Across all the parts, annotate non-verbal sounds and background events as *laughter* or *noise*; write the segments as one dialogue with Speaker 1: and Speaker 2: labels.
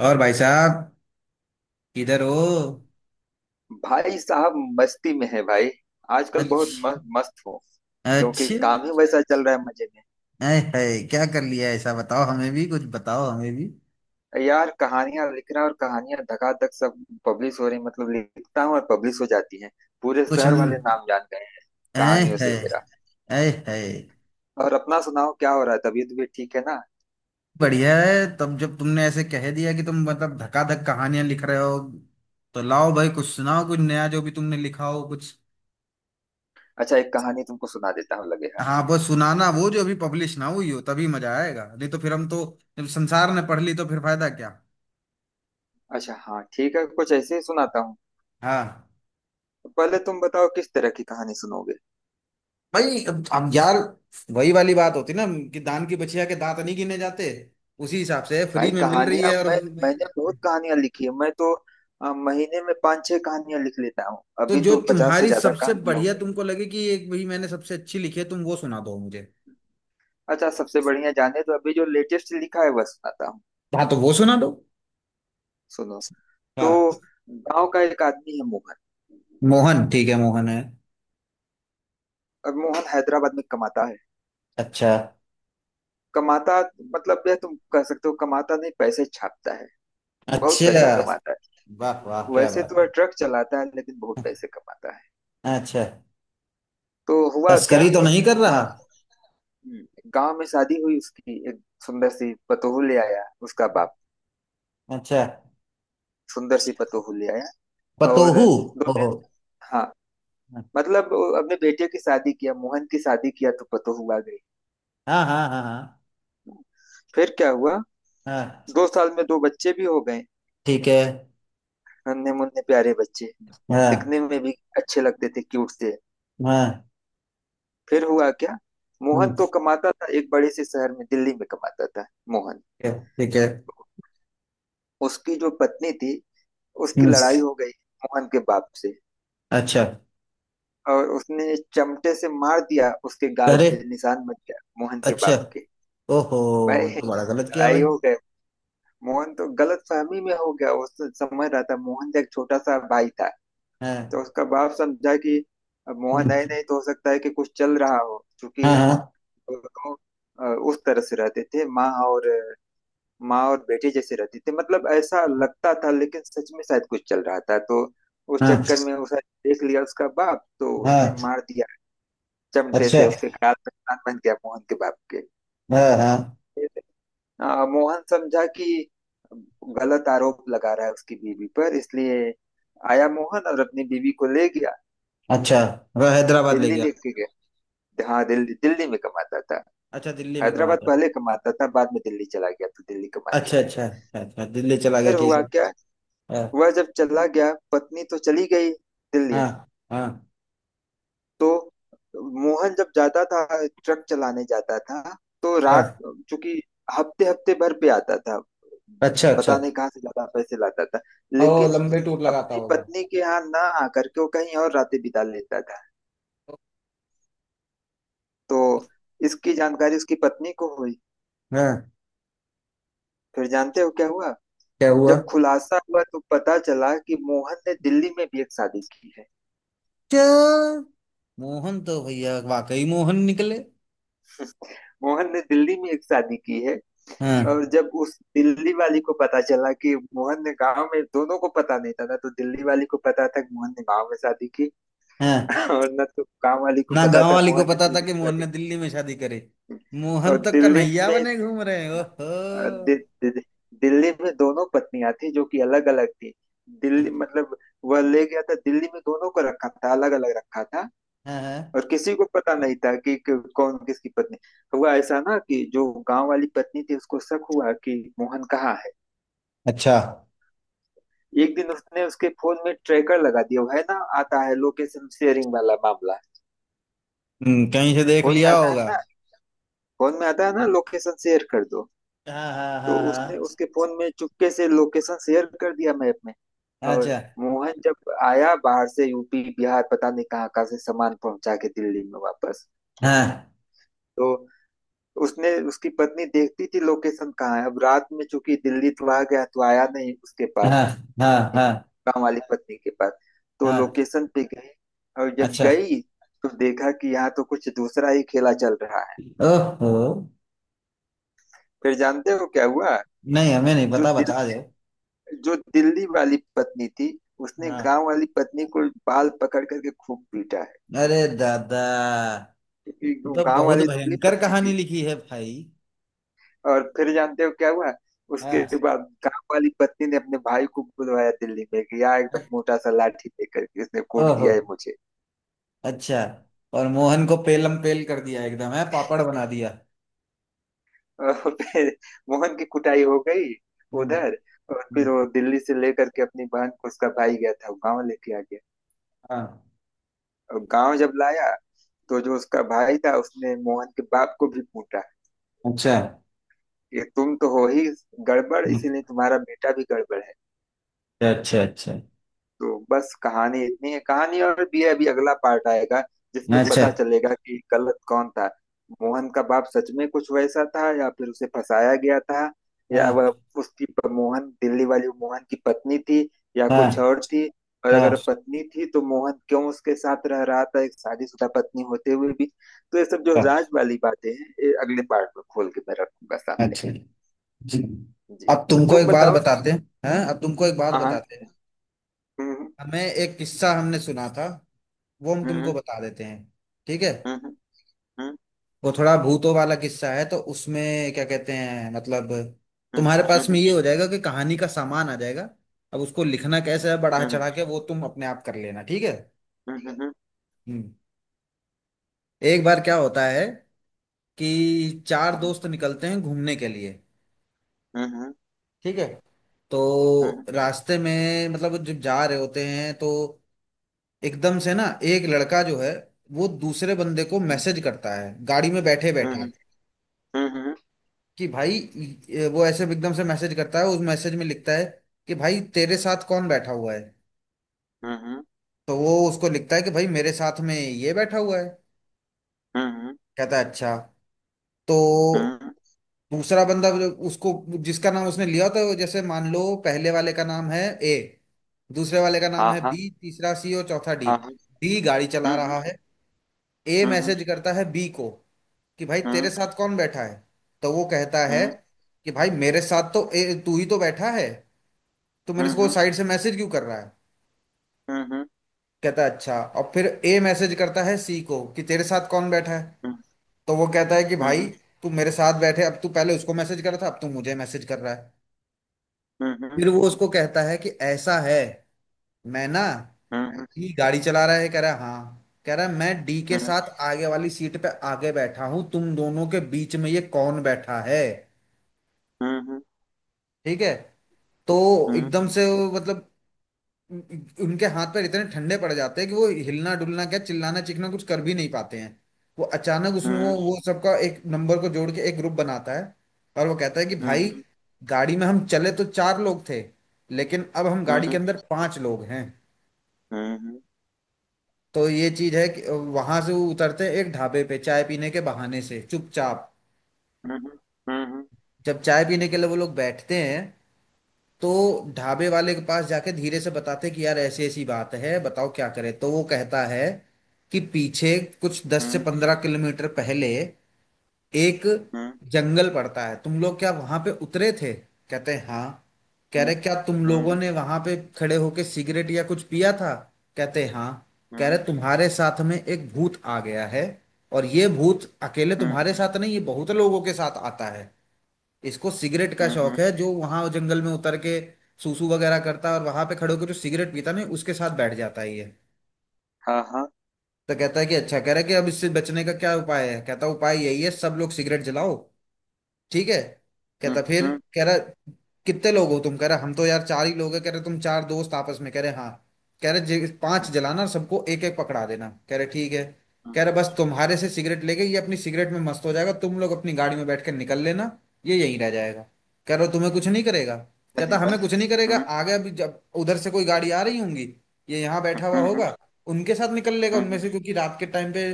Speaker 1: और भाई साहब, किधर हो?
Speaker 2: भाई साहब। मस्ती में है भाई। आजकल बहुत
Speaker 1: अच्छा।
Speaker 2: मस्त हो। क्योंकि
Speaker 1: अच्छा।
Speaker 2: काम ही वैसा चल रहा है, मजे में।
Speaker 1: ऐ है, क्या कर लिया ऐसा? बताओ हमें भी, कुछ बताओ हमें भी
Speaker 2: यार कहानियां लिख रहा और कहानियां धकाधक सब पब्लिश हो रही, मतलब लिखता हूँ और पब्लिश हो जाती हैं। पूरे
Speaker 1: कुछ।
Speaker 2: शहर वाले नाम जान गए हैं
Speaker 1: ऐ
Speaker 2: कहानियों
Speaker 1: है।
Speaker 2: से मेरा।
Speaker 1: ऐ है।
Speaker 2: और अपना सुनाओ, क्या हो रहा है? तबीयत भी ठीक है ना?
Speaker 1: बढ़िया है तब जब तुमने ऐसे कह दिया कि तुम मतलब धकाधक कहानियां लिख रहे हो। तो लाओ भाई, कुछ सुनाओ, कुछ नया जो भी तुमने लिखा हो कुछ।
Speaker 2: अच्छा, एक कहानी तुमको सुना देता हूँ लगे हाथ।
Speaker 1: हाँ, वो सुनाना, वो जो अभी पब्लिश ना हुई हो, तभी मजा आएगा। नहीं तो फिर हम तो, जब संसार ने पढ़ ली तो फिर फायदा क्या।
Speaker 2: अच्छा हाँ ठीक है, कुछ ऐसे ही सुनाता हूँ।
Speaker 1: हाँ।
Speaker 2: पहले तुम बताओ, किस तरह की कहानी सुनोगे?
Speaker 1: भाई अब यार, वही वाली बात होती ना कि दान की बचिया के दांत नहीं गिने जाते। उसी हिसाब से फ्री
Speaker 2: भाई
Speaker 1: में मिल रही
Speaker 2: कहानियां
Speaker 1: है और
Speaker 2: मैंने बहुत कहानियां लिखी है, मैं तो महीने में पाँच छह कहानियां लिख लेता हूँ,
Speaker 1: तो
Speaker 2: अभी
Speaker 1: जो
Speaker 2: तो 50 से
Speaker 1: तुम्हारी
Speaker 2: ज्यादा
Speaker 1: सबसे
Speaker 2: कहानियां हो
Speaker 1: बढ़िया
Speaker 2: गई।
Speaker 1: तुमको लगे कि एक, भाई मैंने सबसे अच्छी लिखी है, तुम वो सुना दो मुझे।
Speaker 2: अच्छा, सबसे बढ़िया जाने तो अभी जो लेटेस्ट लिखा है वह सुनाता हूँ।
Speaker 1: हाँ तो वो सुना दो।
Speaker 2: सुनो। तो
Speaker 1: हाँ।
Speaker 2: गांव का एक आदमी है, मोहन।
Speaker 1: मोहन ठीक है, मोहन है।
Speaker 2: और मोहन हैदराबाद में कमाता है।
Speaker 1: अच्छा।
Speaker 2: कमाता, मतलब यह तुम कह सकते हो कमाता नहीं, पैसे छापता है। बहुत
Speaker 1: अच्छा।
Speaker 2: पैसा कमाता
Speaker 1: वाह
Speaker 2: है।
Speaker 1: वाह, क्या
Speaker 2: वैसे
Speaker 1: बात
Speaker 2: तो वह ट्रक चलाता है, लेकिन बहुत
Speaker 1: है।
Speaker 2: पैसे कमाता है।
Speaker 1: अच्छा।
Speaker 2: तो हुआ क्या।
Speaker 1: तस्करी तो नहीं कर रहा?
Speaker 2: हाँ। गांव में शादी हुई उसकी, एक सुंदर सी पतोहू ले आया उसका बाप।
Speaker 1: अच्छा।
Speaker 2: सुंदर सी पतोहू ले आया। और
Speaker 1: पतोहू।
Speaker 2: दो
Speaker 1: ओहो।
Speaker 2: दिन हाँ। मतलब वो अपने बेटे की शादी किया, मोहन की शादी किया तो पतोहू आ गई।
Speaker 1: हाँ हाँ हाँ हाँ।
Speaker 2: फिर क्या हुआ?
Speaker 1: हाँ।
Speaker 2: 2 साल में दो बच्चे भी हो गए।
Speaker 1: ठीक है।
Speaker 2: नन्हे मुन्ने प्यारे बच्चे।
Speaker 1: हाँ।
Speaker 2: दिखने में भी अच्छे लगते थे, क्यूट से।
Speaker 1: हाँ।
Speaker 2: फिर हुआ क्या? मोहन
Speaker 1: हम्म।
Speaker 2: तो कमाता था एक बड़े से शहर में, दिल्ली में कमाता था मोहन।
Speaker 1: ठीक है। ठीक है।
Speaker 2: उसकी जो पत्नी थी, उसकी
Speaker 1: हम्म।
Speaker 2: लड़ाई हो गई मोहन के बाप से।
Speaker 1: अच्छा।
Speaker 2: और उसने चमटे से मार दिया, उसके गाल
Speaker 1: अरे।
Speaker 2: पे निशान बच गया मोहन के
Speaker 1: अच्छा।
Speaker 2: बाप के।
Speaker 1: ओहो।
Speaker 2: भाई
Speaker 1: ये तो बड़ा गलत किया भाई।
Speaker 2: लड़ाई हो गए। मोहन तो गलत फहमी में हो गया, वो तो समझ रहा था, मोहन एक छोटा सा भाई था।
Speaker 1: हाँ।
Speaker 2: तो उसका बाप समझा कि अब मोहन
Speaker 1: हम्म।
Speaker 2: आए नहीं तो हो सकता है कि कुछ चल रहा हो, क्योंकि
Speaker 1: हाँ हाँ।
Speaker 2: दोनों उस तरह से रहते थे, माँ और बेटे जैसे रहते थे, मतलब ऐसा लगता था, लेकिन सच में शायद कुछ चल रहा था। तो उस
Speaker 1: हाँ
Speaker 2: चक्कर में उसे देख लिया उसका बाप, तो उसने
Speaker 1: हाँ।
Speaker 2: मार दिया चमटे
Speaker 1: अच्छा।
Speaker 2: से, उसके गाल पे कान बन गया मोहन के बाप के।
Speaker 1: हाँ हाँ।
Speaker 2: मोहन समझा कि गलत आरोप लगा रहा है उसकी बीवी पर, इसलिए आया मोहन और अपनी बीवी को ले गया।
Speaker 1: अच्छा। वह हैदराबाद ले
Speaker 2: दिल्ली
Speaker 1: गया?
Speaker 2: लेके गया। हाँ दिल्ली, दिल्ली में कमाता था।
Speaker 1: अच्छा, दिल्ली में कमा
Speaker 2: हैदराबाद
Speaker 1: था।
Speaker 2: पहले कमाता था, बाद में दिल्ली चला गया तो दिल्ली कमाने
Speaker 1: अच्छा
Speaker 2: लगा।
Speaker 1: अच्छा अच्छा अच्छा, दिल्ली चला गया
Speaker 2: फिर
Speaker 1: ठीक
Speaker 2: हुआ
Speaker 1: है।
Speaker 2: क्या?
Speaker 1: हाँ।
Speaker 2: वह जब चला गया, पत्नी तो चली गई दिल्ली।
Speaker 1: हाँ हाँ।
Speaker 2: तो मोहन जब जाता था, ट्रक चलाने जाता था तो रात,
Speaker 1: हाँ।
Speaker 2: चूंकि हफ्ते हफ्ते भर पे आता था,
Speaker 1: अच्छा अच्छा।
Speaker 2: पता नहीं कहाँ से ज्यादा पैसे लाता था,
Speaker 1: ओ,
Speaker 2: लेकिन
Speaker 1: लंबे टूर लगाता
Speaker 2: अपनी
Speaker 1: होगा।
Speaker 2: पत्नी के यहाँ ना आकर के वो कहीं और रातें बिता लेता था। तो इसकी जानकारी उसकी पत्नी को हुई।
Speaker 1: हाँ।
Speaker 2: फिर जानते हो क्या हुआ?
Speaker 1: क्या हुआ?
Speaker 2: जब खुलासा हुआ तो पता चला कि मोहन ने दिल्ली में भी एक शादी की है।
Speaker 1: क्या? मोहन तो भैया वाकई मोहन निकले।
Speaker 2: मोहन ने दिल्ली में एक शादी की है।
Speaker 1: हाँ।
Speaker 2: और जब उस दिल्ली वाली को पता चला कि मोहन ने गांव में, दोनों को पता नहीं था ना, तो दिल्ली वाली को पता था कि मोहन ने गांव में शादी की
Speaker 1: हाँ।
Speaker 2: *laughs* और ना तो गांव वाली को
Speaker 1: ना
Speaker 2: पता
Speaker 1: गांव
Speaker 2: था
Speaker 1: वाली को
Speaker 2: मोहन ने
Speaker 1: पता था
Speaker 2: दिल्ली
Speaker 1: कि
Speaker 2: में
Speaker 1: मोहन ने
Speaker 2: शादी
Speaker 1: दिल्ली में शादी करे।
Speaker 2: की।
Speaker 1: मोहन
Speaker 2: और
Speaker 1: तो
Speaker 2: दिल्ली
Speaker 1: कन्हैया
Speaker 2: में
Speaker 1: बने घूम रहे हैं,
Speaker 2: अ, दि,
Speaker 1: ओहो।
Speaker 2: दि, दि- दिल्ली में दोनों पत्नियां थी जो कि अलग अलग थी। दिल्ली मतलब वह ले गया था, दिल्ली में दोनों को रखा था, अलग अलग रखा था।
Speaker 1: हाँ हाँ।
Speaker 2: और किसी को पता नहीं था कि, कौन किसकी पत्नी। हुआ ऐसा ना कि जो गांव वाली पत्नी थी उसको शक हुआ कि मोहन कहाँ है।
Speaker 1: अच्छा।
Speaker 2: एक दिन उसने उसके फोन में ट्रैकर लगा दिया है ना। आता है लोकेशन शेयरिंग वाला मामला,
Speaker 1: कहीं से देख
Speaker 2: फोन में
Speaker 1: लिया
Speaker 2: आता है
Speaker 1: होगा।
Speaker 2: ना। लोकेशन शेयर कर दो।
Speaker 1: हाँ हाँ
Speaker 2: तो
Speaker 1: हाँ
Speaker 2: उसने
Speaker 1: हाँ।
Speaker 2: उसके फोन में चुपके से लोकेशन शेयर कर दिया मैप में। और
Speaker 1: अच्छा।
Speaker 2: मोहन जब आया बाहर से, यूपी बिहार पता नहीं कहाँ कहाँ से सामान पहुंचा के दिल्ली में वापस।
Speaker 1: हाँ
Speaker 2: तो उसने उसकी पत्नी देखती थी लोकेशन कहाँ है। अब रात में चूंकि दिल्ली तो आ गया, तो आया नहीं उसके
Speaker 1: हाँ
Speaker 2: पास,
Speaker 1: हाँ
Speaker 2: अपनी
Speaker 1: हाँ।
Speaker 2: गाँव वाली पत्नी के पास। तो
Speaker 1: हाँ।
Speaker 2: लोकेशन पे गई। और जब
Speaker 1: अच्छा।
Speaker 2: गई तो देखा कि यहाँ तो कुछ दूसरा ही खेला चल रहा है।
Speaker 1: ओहो।
Speaker 2: फिर जानते हो क्या हुआ?
Speaker 1: नहीं, हमें नहीं
Speaker 2: जो
Speaker 1: पता,
Speaker 2: दिल
Speaker 1: बता दो।
Speaker 2: जो दिल्ली वाली पत्नी थी उसने
Speaker 1: हाँ।
Speaker 2: गांव वाली पत्नी को बाल पकड़ करके खूब पीटा है,
Speaker 1: अरे दादा।
Speaker 2: क्योंकि
Speaker 1: ये
Speaker 2: वो
Speaker 1: तो
Speaker 2: गांव
Speaker 1: बहुत
Speaker 2: वाली दुबली
Speaker 1: भयंकर
Speaker 2: पतली
Speaker 1: कहानी
Speaker 2: थी।
Speaker 1: लिखी है भाई।
Speaker 2: और फिर जानते हो क्या हुआ उसके
Speaker 1: हाँ।
Speaker 2: बाद? गांव वाली पत्नी ने अपने भाई को बुलवाया दिल्ली में, कि आ,
Speaker 1: अ-
Speaker 2: एकदम मोटा सा लाठी लेकर के इसने कूट
Speaker 1: ओहो।
Speaker 2: दिया है मुझे।
Speaker 1: अच्छा। और मोहन को पेलम पेल कर दिया, एकदम है, पापड़ बना दिया।
Speaker 2: और फिर मोहन की कुटाई हो गई
Speaker 1: हम्म।
Speaker 2: उधर। और फिर
Speaker 1: हम्म।
Speaker 2: वो दिल्ली से लेकर के अपनी बहन को, उसका भाई गया था, वो गांव लेके आ गया।
Speaker 1: हाँ।
Speaker 2: और गांव जब लाया तो जो उसका भाई था उसने मोहन के बाप को भी कूटा,
Speaker 1: अच्छा।
Speaker 2: कि तुम तो हो ही गड़बड़,
Speaker 1: हम्म।
Speaker 2: इसीलिए तुम्हारा बेटा भी गड़बड़ है।
Speaker 1: अच्छा अच्छा
Speaker 2: तो बस कहानी इतनी है, कहानी और भी है, अभी अगला पार्ट आएगा जिसमें
Speaker 1: अच्छा।
Speaker 2: पता चलेगा कि गलत कौन था। मोहन का बाप सच में कुछ वैसा था या फिर उसे फंसाया गया था। या
Speaker 1: हाँ
Speaker 2: वह, उसकी मोहन, दिल्ली वाली मोहन की पत्नी थी या
Speaker 1: हाँ
Speaker 2: कुछ और थी। और
Speaker 1: हाँ।
Speaker 2: अगर पत्नी थी तो मोहन क्यों उसके साथ रह रहा था एक शादीशुदा पत्नी होते हुए भी। तो ये सब जो
Speaker 1: अब,
Speaker 2: राज वाली बातें हैं ये अगले पार्ट में खोल के मैं रखूंगा सामने।
Speaker 1: अच्छा। जी।
Speaker 2: जी।
Speaker 1: अब तुमको
Speaker 2: तुम
Speaker 1: एक बात
Speaker 2: बताओ।
Speaker 1: बताते हैं। हैं? अब तुमको एक बात
Speaker 2: हाँ हाँ।
Speaker 1: बताते हैं।
Speaker 2: हम्म।
Speaker 1: हमें एक किस्सा हमने सुना था, वो हम तुमको
Speaker 2: हम्म
Speaker 1: बता देते हैं, ठीक है।
Speaker 2: हम्म। हम्म
Speaker 1: वो थोड़ा भूतों वाला किस्सा है तो उसमें, क्या कहते हैं मतलब, तुम्हारे
Speaker 2: हम्म। हम्म।
Speaker 1: पास में
Speaker 2: हम्म
Speaker 1: ये हो जाएगा कि कहानी का सामान आ जाएगा। अब उसको लिखना कैसे है, बढ़ा
Speaker 2: हम्म
Speaker 1: चढ़ा के वो तुम अपने आप कर लेना, ठीक है।
Speaker 2: हम्म हम्म
Speaker 1: हम्म। एक बार क्या होता है कि चार दोस्त निकलते हैं घूमने के लिए,
Speaker 2: हम्म
Speaker 1: ठीक है। तो
Speaker 2: हम्म।
Speaker 1: रास्ते में मतलब जब जा रहे होते हैं तो एकदम से ना, एक लड़का जो है वो दूसरे बंदे को मैसेज करता है गाड़ी में बैठे
Speaker 2: हम्म
Speaker 1: बैठे
Speaker 2: हम्म
Speaker 1: कि भाई वो ऐसे एकदम से मैसेज करता है, उस मैसेज में लिखता है कि भाई तेरे साथ कौन बैठा हुआ है।
Speaker 2: हम्म।
Speaker 1: तो वो उसको लिखता है कि भाई मेरे साथ में ये बैठा हुआ है।
Speaker 2: हम्म
Speaker 1: कहता है अच्छा। तो
Speaker 2: हम्म
Speaker 1: दूसरा बंदा जो उसको, जिसका नाम उसने लिया था, वो जैसे मान लो पहले वाले का नाम है ए, दूसरे वाले का नाम
Speaker 2: हाँ
Speaker 1: है
Speaker 2: हाँ
Speaker 1: बी, तीसरा सी और चौथा डी।
Speaker 2: हाँ हाँ।
Speaker 1: डी गाड़ी चला
Speaker 2: हम्म
Speaker 1: रहा है। ए
Speaker 2: हम्म
Speaker 1: मैसेज करता है बी को कि भाई तेरे
Speaker 2: हम्म
Speaker 1: साथ कौन बैठा है। तो वो कहता है
Speaker 2: हम्म।
Speaker 1: कि भाई मेरे साथ तो ए तू ही तो बैठा है, तो मेरे को
Speaker 2: हम्म
Speaker 1: साइड से मैसेज क्यों कर रहा है।
Speaker 2: हम्म
Speaker 1: कहता है अच्छा। और फिर ए मैसेज करता है सी को कि तेरे साथ कौन बैठा है।
Speaker 2: हम्म
Speaker 1: तो वो कहता है कि भाई
Speaker 2: हम्म।
Speaker 1: तू मेरे साथ बैठे, अब तू पहले उसको मैसेज कर रहा था, अब तू मुझे मैसेज कर रहा है।
Speaker 2: हम्म
Speaker 1: फिर वो उसको कहता है कि ऐसा है, मैं ना ही गाड़ी चला रहा है, कह रहा है हाँ, कह रहा है मैं डी के साथ आगे वाली सीट पे आगे बैठा हूँ, तुम दोनों के बीच में ये कौन बैठा है। ठीक है। तो एकदम से वो मतलब, उनके हाथ पर इतने ठंडे पड़ जाते हैं कि वो हिलना डुलना क्या, चिल्लाना चीखना कुछ कर भी नहीं पाते हैं। वो अचानक उसने वो सबका एक नंबर को जोड़ के एक ग्रुप बनाता है, और वो कहता है कि भाई, गाड़ी में हम चले तो चार लोग थे, लेकिन अब हम गाड़ी के अंदर पांच लोग हैं। तो ये चीज है कि वहां से वो उतरते हैं एक ढाबे पे चाय पीने के बहाने से चुपचाप। जब चाय पीने के लिए वो लोग बैठते हैं तो ढाबे वाले के पास जाके धीरे से बताते कि यार ऐसी ऐसी बात है, बताओ क्या करें। तो वो कहता है कि पीछे कुछ 10 से 15 किलोमीटर पहले एक जंगल पड़ता है, तुम लोग क्या वहां पे उतरे थे? कहते हैं हाँ। कह रहे क्या तुम लोगों ने वहां पे खड़े होके सिगरेट या कुछ पिया था? कहते हैं हाँ। कह रहे तुम्हारे साथ में एक भूत आ गया है, और ये भूत अकेले तुम्हारे साथ नहीं, ये बहुत लोगों के साथ आता है। इसको सिगरेट का शौक
Speaker 2: हम्म।
Speaker 1: है, जो वहां जंगल में उतर के सूसू वगैरह करता है और वहां पे खड़े होकर जो सिगरेट पीता नहीं उसके साथ बैठ जाता है ये।
Speaker 2: हाँ हाँ।
Speaker 1: तो कहता है कि अच्छा, कह रहा है कि अब इससे बचने का क्या उपाय है? कहता है उपाय यही है सब लोग सिगरेट जलाओ, ठीक है। कहता फिर, कह रहा कितने लोग हो तुम? कह रहा हम तो यार चार ही लोग है। कह रहे तुम चार दोस्त आपस में, कह रहे हाँ। कह रहे पांच जलाना, सबको एक एक पकड़ा देना, कह रहे ठीक है। कह रहे बस तुम्हारे से सिगरेट लेके ये अपनी सिगरेट में मस्त हो जाएगा, तुम लोग अपनी गाड़ी में बैठ कर निकल लेना, ये यहीं रह जाएगा। कह रहे तुम्हें कुछ नहीं करेगा।
Speaker 2: अरे
Speaker 1: कहता
Speaker 2: वाह।
Speaker 1: हमें कुछ नहीं करेगा?
Speaker 2: हाँ
Speaker 1: आगे अभी जब उधर से कोई गाड़ी आ रही होंगी, ये यहाँ बैठा हुआ होगा, उनके साथ निकल लेगा उनमें से, क्योंकि रात के टाइम पे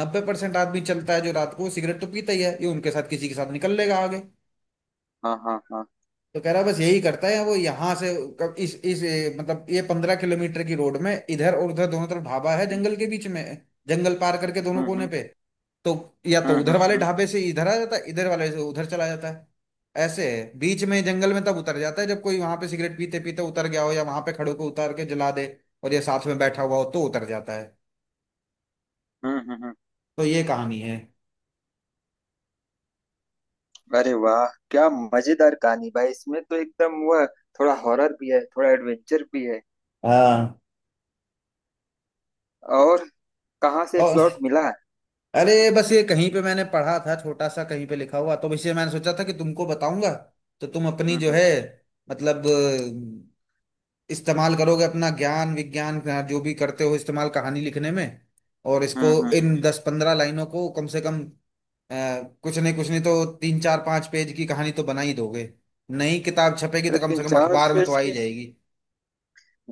Speaker 1: 90% आदमी चलता है जो रात को सिगरेट तो पीता ही है, ये उनके साथ किसी के साथ निकल लेगा आगे।
Speaker 2: हाँ
Speaker 1: तो कह रहा है बस यही करता है वो यहाँ से कब इस ए, मतलब ये 15 किलोमीटर की रोड में इधर और उधर दोनों तरफ ढाबा है जंगल के बीच में, जंगल पार करके दोनों कोने पे। तो या तो उधर वाले
Speaker 2: हाँ।
Speaker 1: ढाबे से इधर आ जाता है, इधर वाले से उधर चला जाता है। ऐसे है, बीच में जंगल में तब उतर जाता है जब कोई वहां पे सिगरेट पीते पीते उतर गया हो या वहां पे खड़े को उतार के जला दे और ये साथ में बैठा हुआ हो तो उतर जाता है।
Speaker 2: हम्म हम्म हम्म।
Speaker 1: तो ये कहानी है।
Speaker 2: अरे वाह, क्या मजेदार कहानी भाई! इसमें तो एकदम वह, थोड़ा हॉरर भी है थोड़ा एडवेंचर भी है।
Speaker 1: हाँ।
Speaker 2: और कहाँ से
Speaker 1: और,
Speaker 2: प्लॉट मिला है?
Speaker 1: अरे बस ये कहीं पे मैंने पढ़ा था, छोटा सा कहीं पे लिखा हुआ, तो इसलिए मैंने सोचा था कि तुमको बताऊंगा। तो तुम अपनी
Speaker 2: हम्म
Speaker 1: जो
Speaker 2: हम्म
Speaker 1: है, मतलब इस्तेमाल करोगे, अपना ज्ञान विज्ञान का जो भी करते हो इस्तेमाल, कहानी लिखने में। और इसको
Speaker 2: हम्म हम्म।
Speaker 1: इन 10 15 लाइनों को कम से कम, अ, कुछ नहीं तो तीन चार पांच पेज की कहानी तो बना ही दोगे। नई किताब छपेगी
Speaker 2: अरे
Speaker 1: तो कम
Speaker 2: तीन
Speaker 1: से कम
Speaker 2: चार
Speaker 1: अखबार में तो
Speaker 2: पेज
Speaker 1: आ ही
Speaker 2: की?
Speaker 1: जाएगी।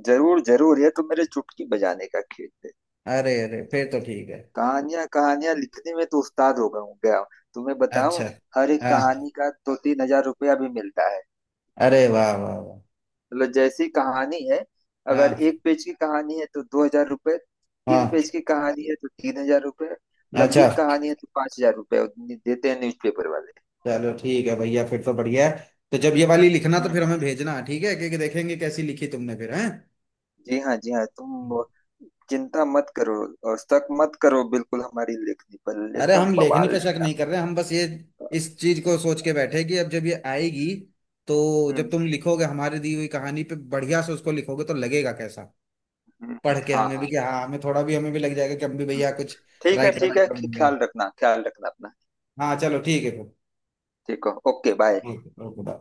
Speaker 2: जरूर जरूर, ये तो मेरे चुटकी बजाने का खेल है।
Speaker 1: अरे अरे फिर तो ठीक है।
Speaker 2: कहानियां कहानियां लिखने में तो उस्ताद हो गया हूँ, गया हूँ। तुम्हें बताऊं,
Speaker 1: अच्छा।
Speaker 2: हर एक
Speaker 1: हाँ।
Speaker 2: कहानी का 2-3 हज़ार रुपया भी मिलता है।
Speaker 1: अरे वाह वाह वाह।
Speaker 2: मतलब जैसी कहानी है, अगर
Speaker 1: हाँ।
Speaker 2: 1 पेज की कहानी है तो 2 हज़ार रुपये, तीन
Speaker 1: हाँ।
Speaker 2: पेज की कहानी है तो 3 हज़ार रुपये,
Speaker 1: अच्छा।
Speaker 2: लंबी कहानी है तो 5 हज़ार रुपये देते हैं न्यूज़पेपर वाले।
Speaker 1: चलो ठीक है भैया, फिर तो बढ़िया है। तो जब ये वाली लिखना तो
Speaker 2: हम्म।
Speaker 1: फिर हमें भेजना, ठीक है, क्योंकि देखेंगे कैसी लिखी तुमने फिर है।
Speaker 2: जी हाँ जी हाँ। तुम
Speaker 1: हम्म।
Speaker 2: चिंता मत करो और शक मत करो बिल्कुल हमारी लेखनी पर,
Speaker 1: अरे
Speaker 2: एकदम
Speaker 1: हम लेखनी
Speaker 2: बवाल
Speaker 1: पे शक
Speaker 2: लिखा
Speaker 1: नहीं कर
Speaker 2: हमने।
Speaker 1: रहे, हम बस ये इस चीज को सोच के बैठे कि अब जब ये आएगी, तो जब
Speaker 2: हम्म
Speaker 1: तुम लिखोगे हमारी दी हुई कहानी पे बढ़िया से उसको लिखोगे तो लगेगा कैसा,
Speaker 2: हम्म।
Speaker 1: पढ़ के
Speaker 2: हाँ
Speaker 1: हमें भी,
Speaker 2: हाँ।
Speaker 1: कि हाँ हमें थोड़ा भी, हमें भी लग जाएगा कि हम भी
Speaker 2: हम्म,
Speaker 1: भैया कुछ
Speaker 2: ठीक है
Speaker 1: राइटर
Speaker 2: ठीक है।
Speaker 1: वाइटर बन गए।
Speaker 2: ख्याल रखना अपना।
Speaker 1: हाँ चलो ठीक है फिर।
Speaker 2: ठीक है okay bye.
Speaker 1: Okay okay bye।